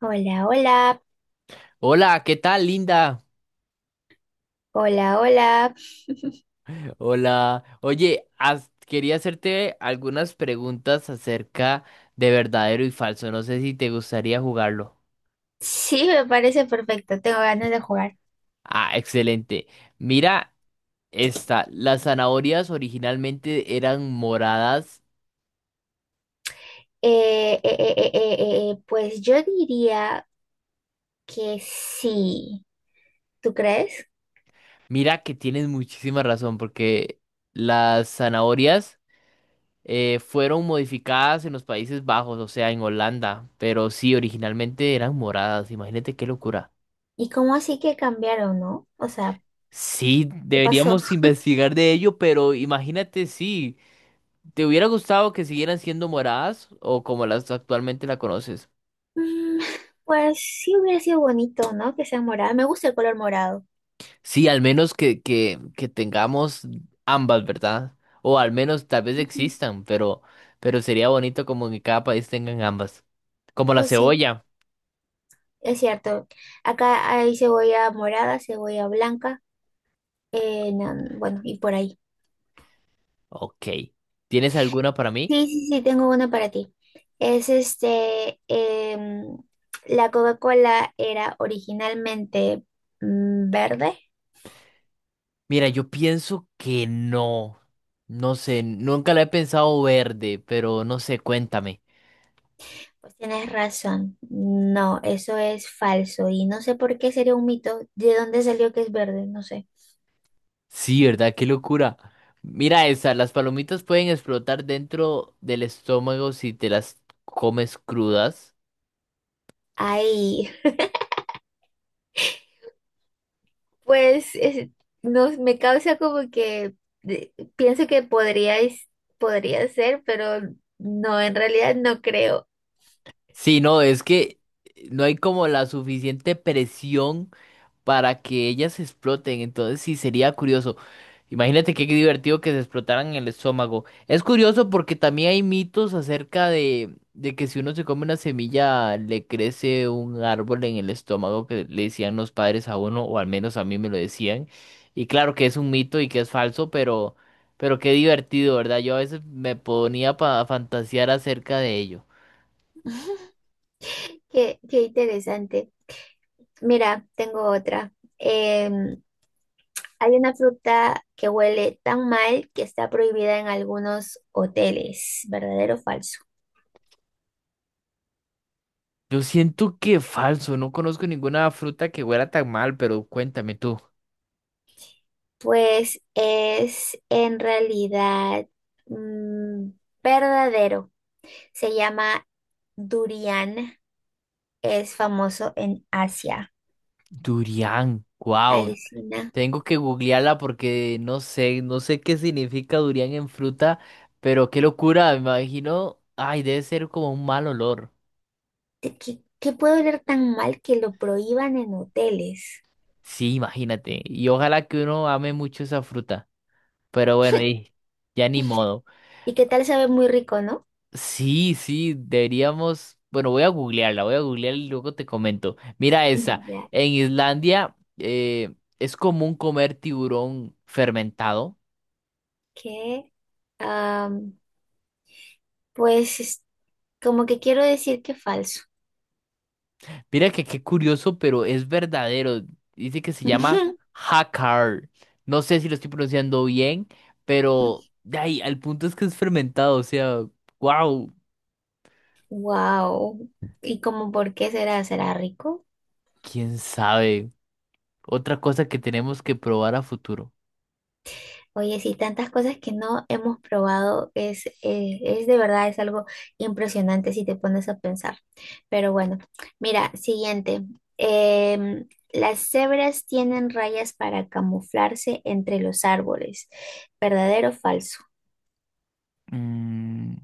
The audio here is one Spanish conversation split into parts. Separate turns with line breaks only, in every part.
Hola, hola,
Hola, ¿qué tal, Linda?
hola, hola.
Hola. Oye, quería hacerte algunas preguntas acerca de verdadero y falso. No sé si te gustaría jugarlo.
Sí, me parece perfecto. Tengo ganas de jugar.
Ah, excelente. Mira esta. Las zanahorias originalmente eran moradas.
Pues yo diría que sí. ¿Tú crees?
Mira que tienes muchísima razón porque las zanahorias fueron modificadas en los Países Bajos, o sea, en Holanda. Pero sí, originalmente eran moradas. Imagínate qué locura.
¿Y cómo así que cambiaron, no? O sea,
Sí,
¿qué pasó?
deberíamos investigar de ello, pero imagínate si te hubiera gustado que siguieran siendo moradas o como las actualmente la conoces.
Mm, pues sí hubiera sido bonito, ¿no? Que sea morado. Me gusta el color morado.
Sí, al menos que tengamos ambas, ¿verdad? O al menos tal vez
Ujú.
existan, pero sería bonito como que cada país tengan ambas. Como la
Pues sí,
cebolla.
es cierto. Acá hay cebolla morada, cebolla blanca. Bueno, y por ahí.
Ok. ¿Tienes alguna para mí?
Sí, sí, sí, tengo una para ti. Es este, la Coca-Cola era originalmente verde.
Mira, yo pienso que no. No sé, nunca la he pensado verde, pero no sé, cuéntame.
Pues tienes razón. No, eso es falso y no sé por qué sería un mito. ¿De dónde salió que es verde? No sé.
Sí, ¿verdad? Qué locura. Mira esa, las palomitas pueden explotar dentro del estómago si te las comes crudas.
Ay, pues es- no, me causa como que de- pienso que podría ser, pero no, en realidad no creo.
Sí, no, es que no hay como la suficiente presión para que ellas se exploten. Entonces sí sería curioso. Imagínate qué divertido que se explotaran el estómago. Es curioso porque también hay mitos acerca de que si uno se come una semilla le crece un árbol en el estómago que le decían los padres a uno, o al menos a mí me lo decían. Y claro que es un mito y que es falso, pero qué divertido, ¿verdad? Yo a veces me ponía a fantasear acerca de ello.
Qué, qué interesante. Mira, tengo otra. Em, Hay una fruta que huele tan mal que está prohibida en algunos hoteles, ¿verdadero o falso?
Yo siento que falso, no conozco ninguna fruta que huela tan mal, pero cuéntame tú.
Pues es en realidad mm, verdadero. Se llama durian, es famoso en Asia.
Durian, wow.
Alucina,
Tengo que googlearla porque no sé, no sé qué significa durian en fruta, pero qué locura, me imagino. Ay, debe ser como un mal olor.
¿qué puede oler tan mal que lo prohíban en hoteles?
Sí, imagínate. Y ojalá que uno ame mucho esa fruta. Pero bueno, y ya ni modo.
¿Y qué tal sabe muy rico, no?
Sí, sí, deberíamos. Bueno, voy a googlearla, voy a googlear y luego te comento. Mira esa.
Ya,
En Islandia es común comer tiburón fermentado.
que, am, pues como que quiero decir que falso.
Mira que qué curioso, pero es verdadero. Dice que se llama Hakar. No sé si lo estoy pronunciando bien, pero de ahí, al punto es que es fermentado, o sea, wow,
Wow. ¿Y como por qué será? ¿Será rico?
quién sabe. Otra cosa que tenemos que probar a futuro.
Oye, sí, tantas cosas que no hemos probado, es de verdad, es algo impresionante si te pones a pensar. Pero bueno, mira, siguiente. Las cebras tienen rayas para camuflarse entre los árboles. ¿Verdadero o falso?
Mm,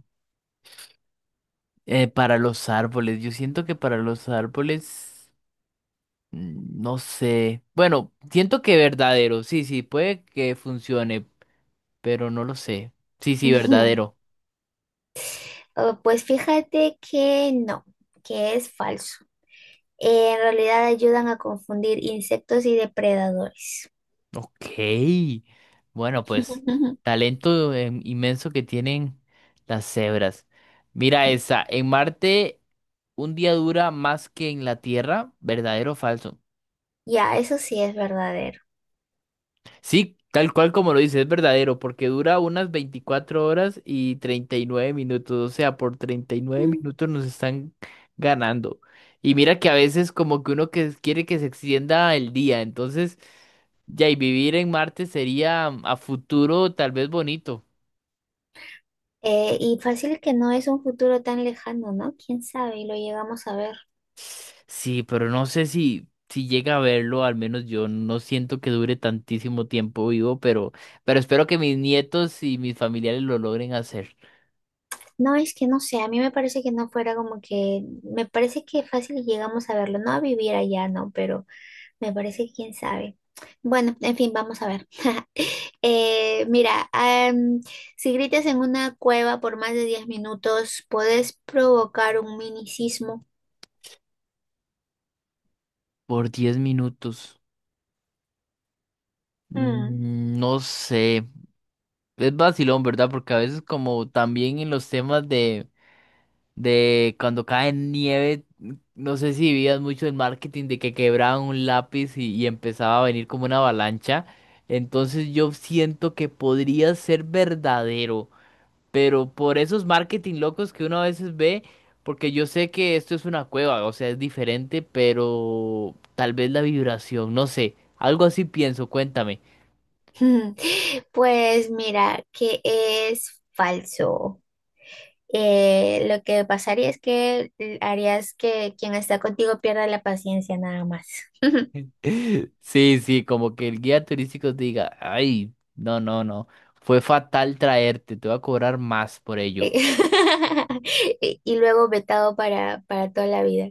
para los árboles, yo siento que para los árboles, mm, no sé. Bueno, siento que verdadero, sí, sí, puede que funcione, pero no lo sé. Sí, sí, verdadero.
Oh, pues fíjate que no, que es falso. En realidad ayudan a confundir insectos y depredadores.
Ok, bueno, pues talento inmenso que tienen las cebras. Mira esa, en Marte un día dura más que en la Tierra, ¿verdadero o falso?
Ya, eso sí es verdadero.
Sí, tal cual como lo dice es verdadero, porque dura unas 24 horas y 39 minutos, o sea, por treinta y nueve
Mm.
minutos nos están ganando. Y mira que a veces como que uno que quiere que se extienda el día, entonces ya y vivir en Marte sería a futuro tal vez bonito.
Y fácil que no es un futuro tan lejano, ¿no? Quién sabe, y lo llegamos a ver.
Sí, pero no sé si llega a verlo, al menos yo no siento que dure tantísimo tiempo vivo, pero espero que mis nietos y mis familiares lo logren hacer
No, es que no sé, a mí me parece que no fuera como que, me parece que fácil y llegamos a verlo, no a vivir allá, no, pero me parece que quién sabe. Bueno, en fin, vamos a ver. Mira, si gritas en una cueva por más de 10 minutos, puedes provocar un mini sismo.
por 10 minutos. Mm, no sé, es vacilón, ¿verdad? Porque a veces como también en los temas de cuando cae nieve, no sé si vivías mucho el marketing de que quebraban un lápiz y empezaba a venir como una avalancha. Entonces yo siento que podría ser verdadero, pero por esos marketing locos que uno a veces ve, porque yo sé que esto es una cueva, o sea, es diferente, pero tal vez la vibración, no sé, algo así pienso, cuéntame.
Pues mira, que es falso. Lo que pasaría es que harías que quien está contigo pierda la paciencia nada más.
Sí, sí, como que el guía turístico te diga, ay, no, no, no, fue fatal traerte, te voy a cobrar más por
Eh,
ello.
y luego vetado para toda la vida.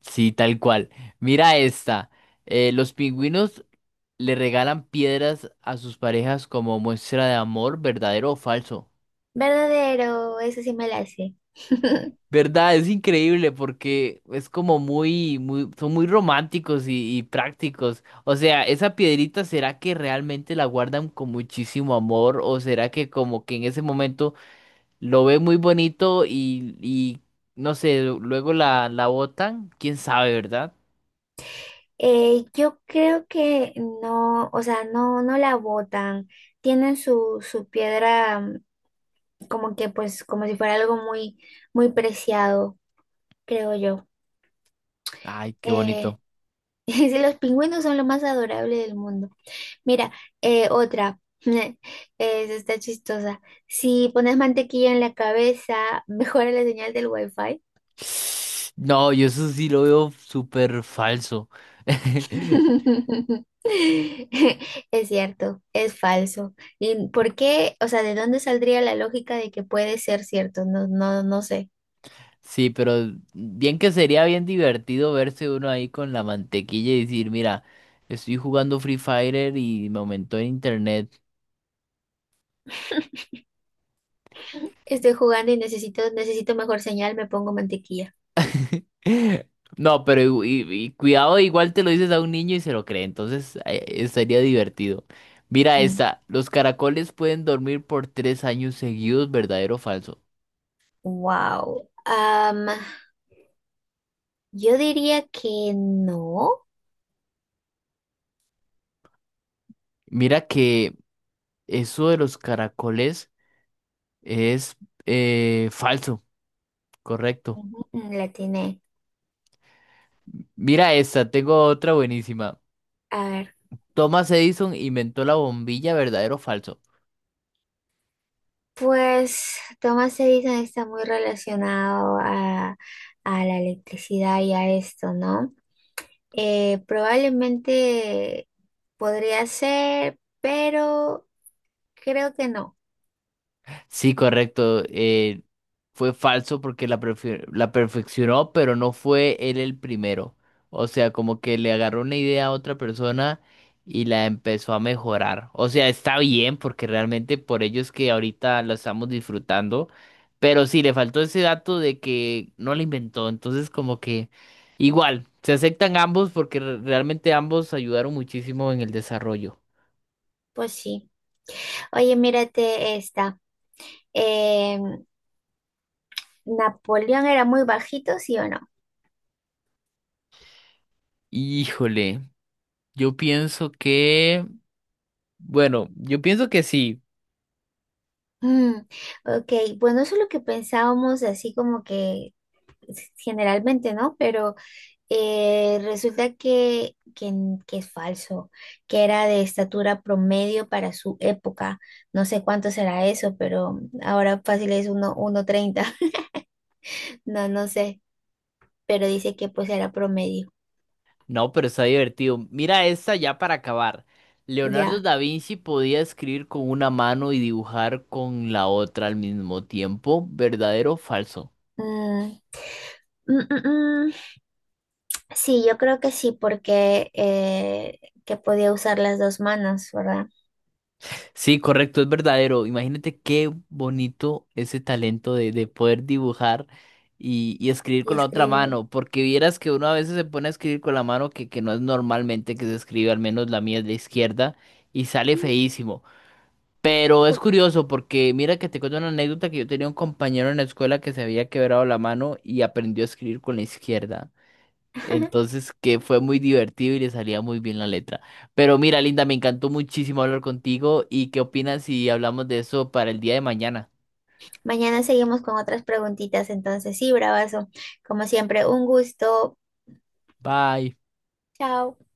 Sí, tal cual. Mira esta. Los pingüinos le regalan piedras a sus parejas como muestra de amor, verdadero o falso.
Verdadero, eso sí me la sé.
¿Verdad? Es increíble porque es como muy, muy, son muy románticos y prácticos. O sea, esa piedrita, ¿será que realmente la guardan con muchísimo amor? ¿O será que como que en ese momento lo ve muy bonito y no sé, luego la botan? ¿Quién sabe, verdad?
Yo creo que no, o sea, no, no la botan. Tienen su piedra, como que pues como si fuera algo muy, muy preciado, creo yo.
Ay, qué
Eh,
bonito.
dice, los pingüinos son lo más adorable del mundo. Mira, otra. Esa está chistosa. Si pones mantequilla en la cabeza, mejora la señal del wifi.
No, yo eso sí lo veo súper falso.
Es cierto, es falso. ¿Y por qué? O sea, ¿de dónde saldría la lógica de que puede ser cierto? No, no, no sé.
Sí, pero bien que sería bien divertido verse uno ahí con la mantequilla y decir, mira, estoy jugando Free Fire y me aumentó en internet.
Estoy jugando y necesito mejor señal, me pongo mantequilla.
No, pero y cuidado, igual te lo dices a un niño y se lo cree, entonces estaría divertido. Mira esta, los caracoles pueden dormir por 3 años seguidos, ¿verdadero o falso?
Wow. Yo diría que no.
Mira que eso de los caracoles es falso, correcto.
Ujú, la tiene.
Mira esta, tengo otra buenísima.
A ver,
Thomas Edison inventó la bombilla, ¿verdadero o falso?
pues Thomas Edison está muy relacionado a la electricidad y a esto, ¿no? Probablemente podría ser, pero creo que no.
Sí, correcto. Fue falso porque la, la perfeccionó, pero no fue él el primero. O sea, como que le agarró una idea a otra persona y la empezó a mejorar. O sea, está bien porque realmente por ello es que ahorita la estamos disfrutando. Pero sí, le faltó ese dato de que no la inventó. Entonces, como que igual, se aceptan ambos porque realmente ambos ayudaron muchísimo en el desarrollo.
Pues sí. Oye, mírate esta. Em, ¿Napoleón era muy bajito, sí o no?
Híjole, yo pienso que, bueno, yo pienso que sí.
Mm, ok, bueno, eso es lo que pensábamos, así como que generalmente, ¿no? Pero... resulta que es falso, que era de estatura promedio para su época. No sé cuánto será eso, pero ahora fácil es 1,30. No, no sé, pero dice que pues era promedio.
No, pero está divertido. Mira esta ya para acabar. Leonardo
Ya.
da Vinci podía escribir con una mano y dibujar con la otra al mismo tiempo. ¿Verdadero o falso?
Mm, mm, mm, mm. Sí, yo creo que sí, porque que podía usar las dos manos, ¿verdad?
Sí, correcto, es verdadero. Imagínate qué bonito ese talento de poder dibujar y escribir
Y
con la otra
escribir.
mano, porque vieras que uno a veces se pone a escribir con la mano que no es normalmente que se escribe, al menos la mía es la izquierda, y sale
Mm,
feísimo. Pero es
tú.
curioso porque mira que te cuento una anécdota que yo tenía un compañero en la escuela que se había quebrado la mano y aprendió a escribir con la izquierda. Entonces, que fue muy divertido y le salía muy bien la letra. Pero mira, Linda, me encantó muchísimo hablar contigo. ¿Y qué opinas si hablamos de eso para el día de mañana?
Mañana seguimos con otras preguntitas, entonces sí, bravazo. Como siempre, un gusto.
Bye.
Chao.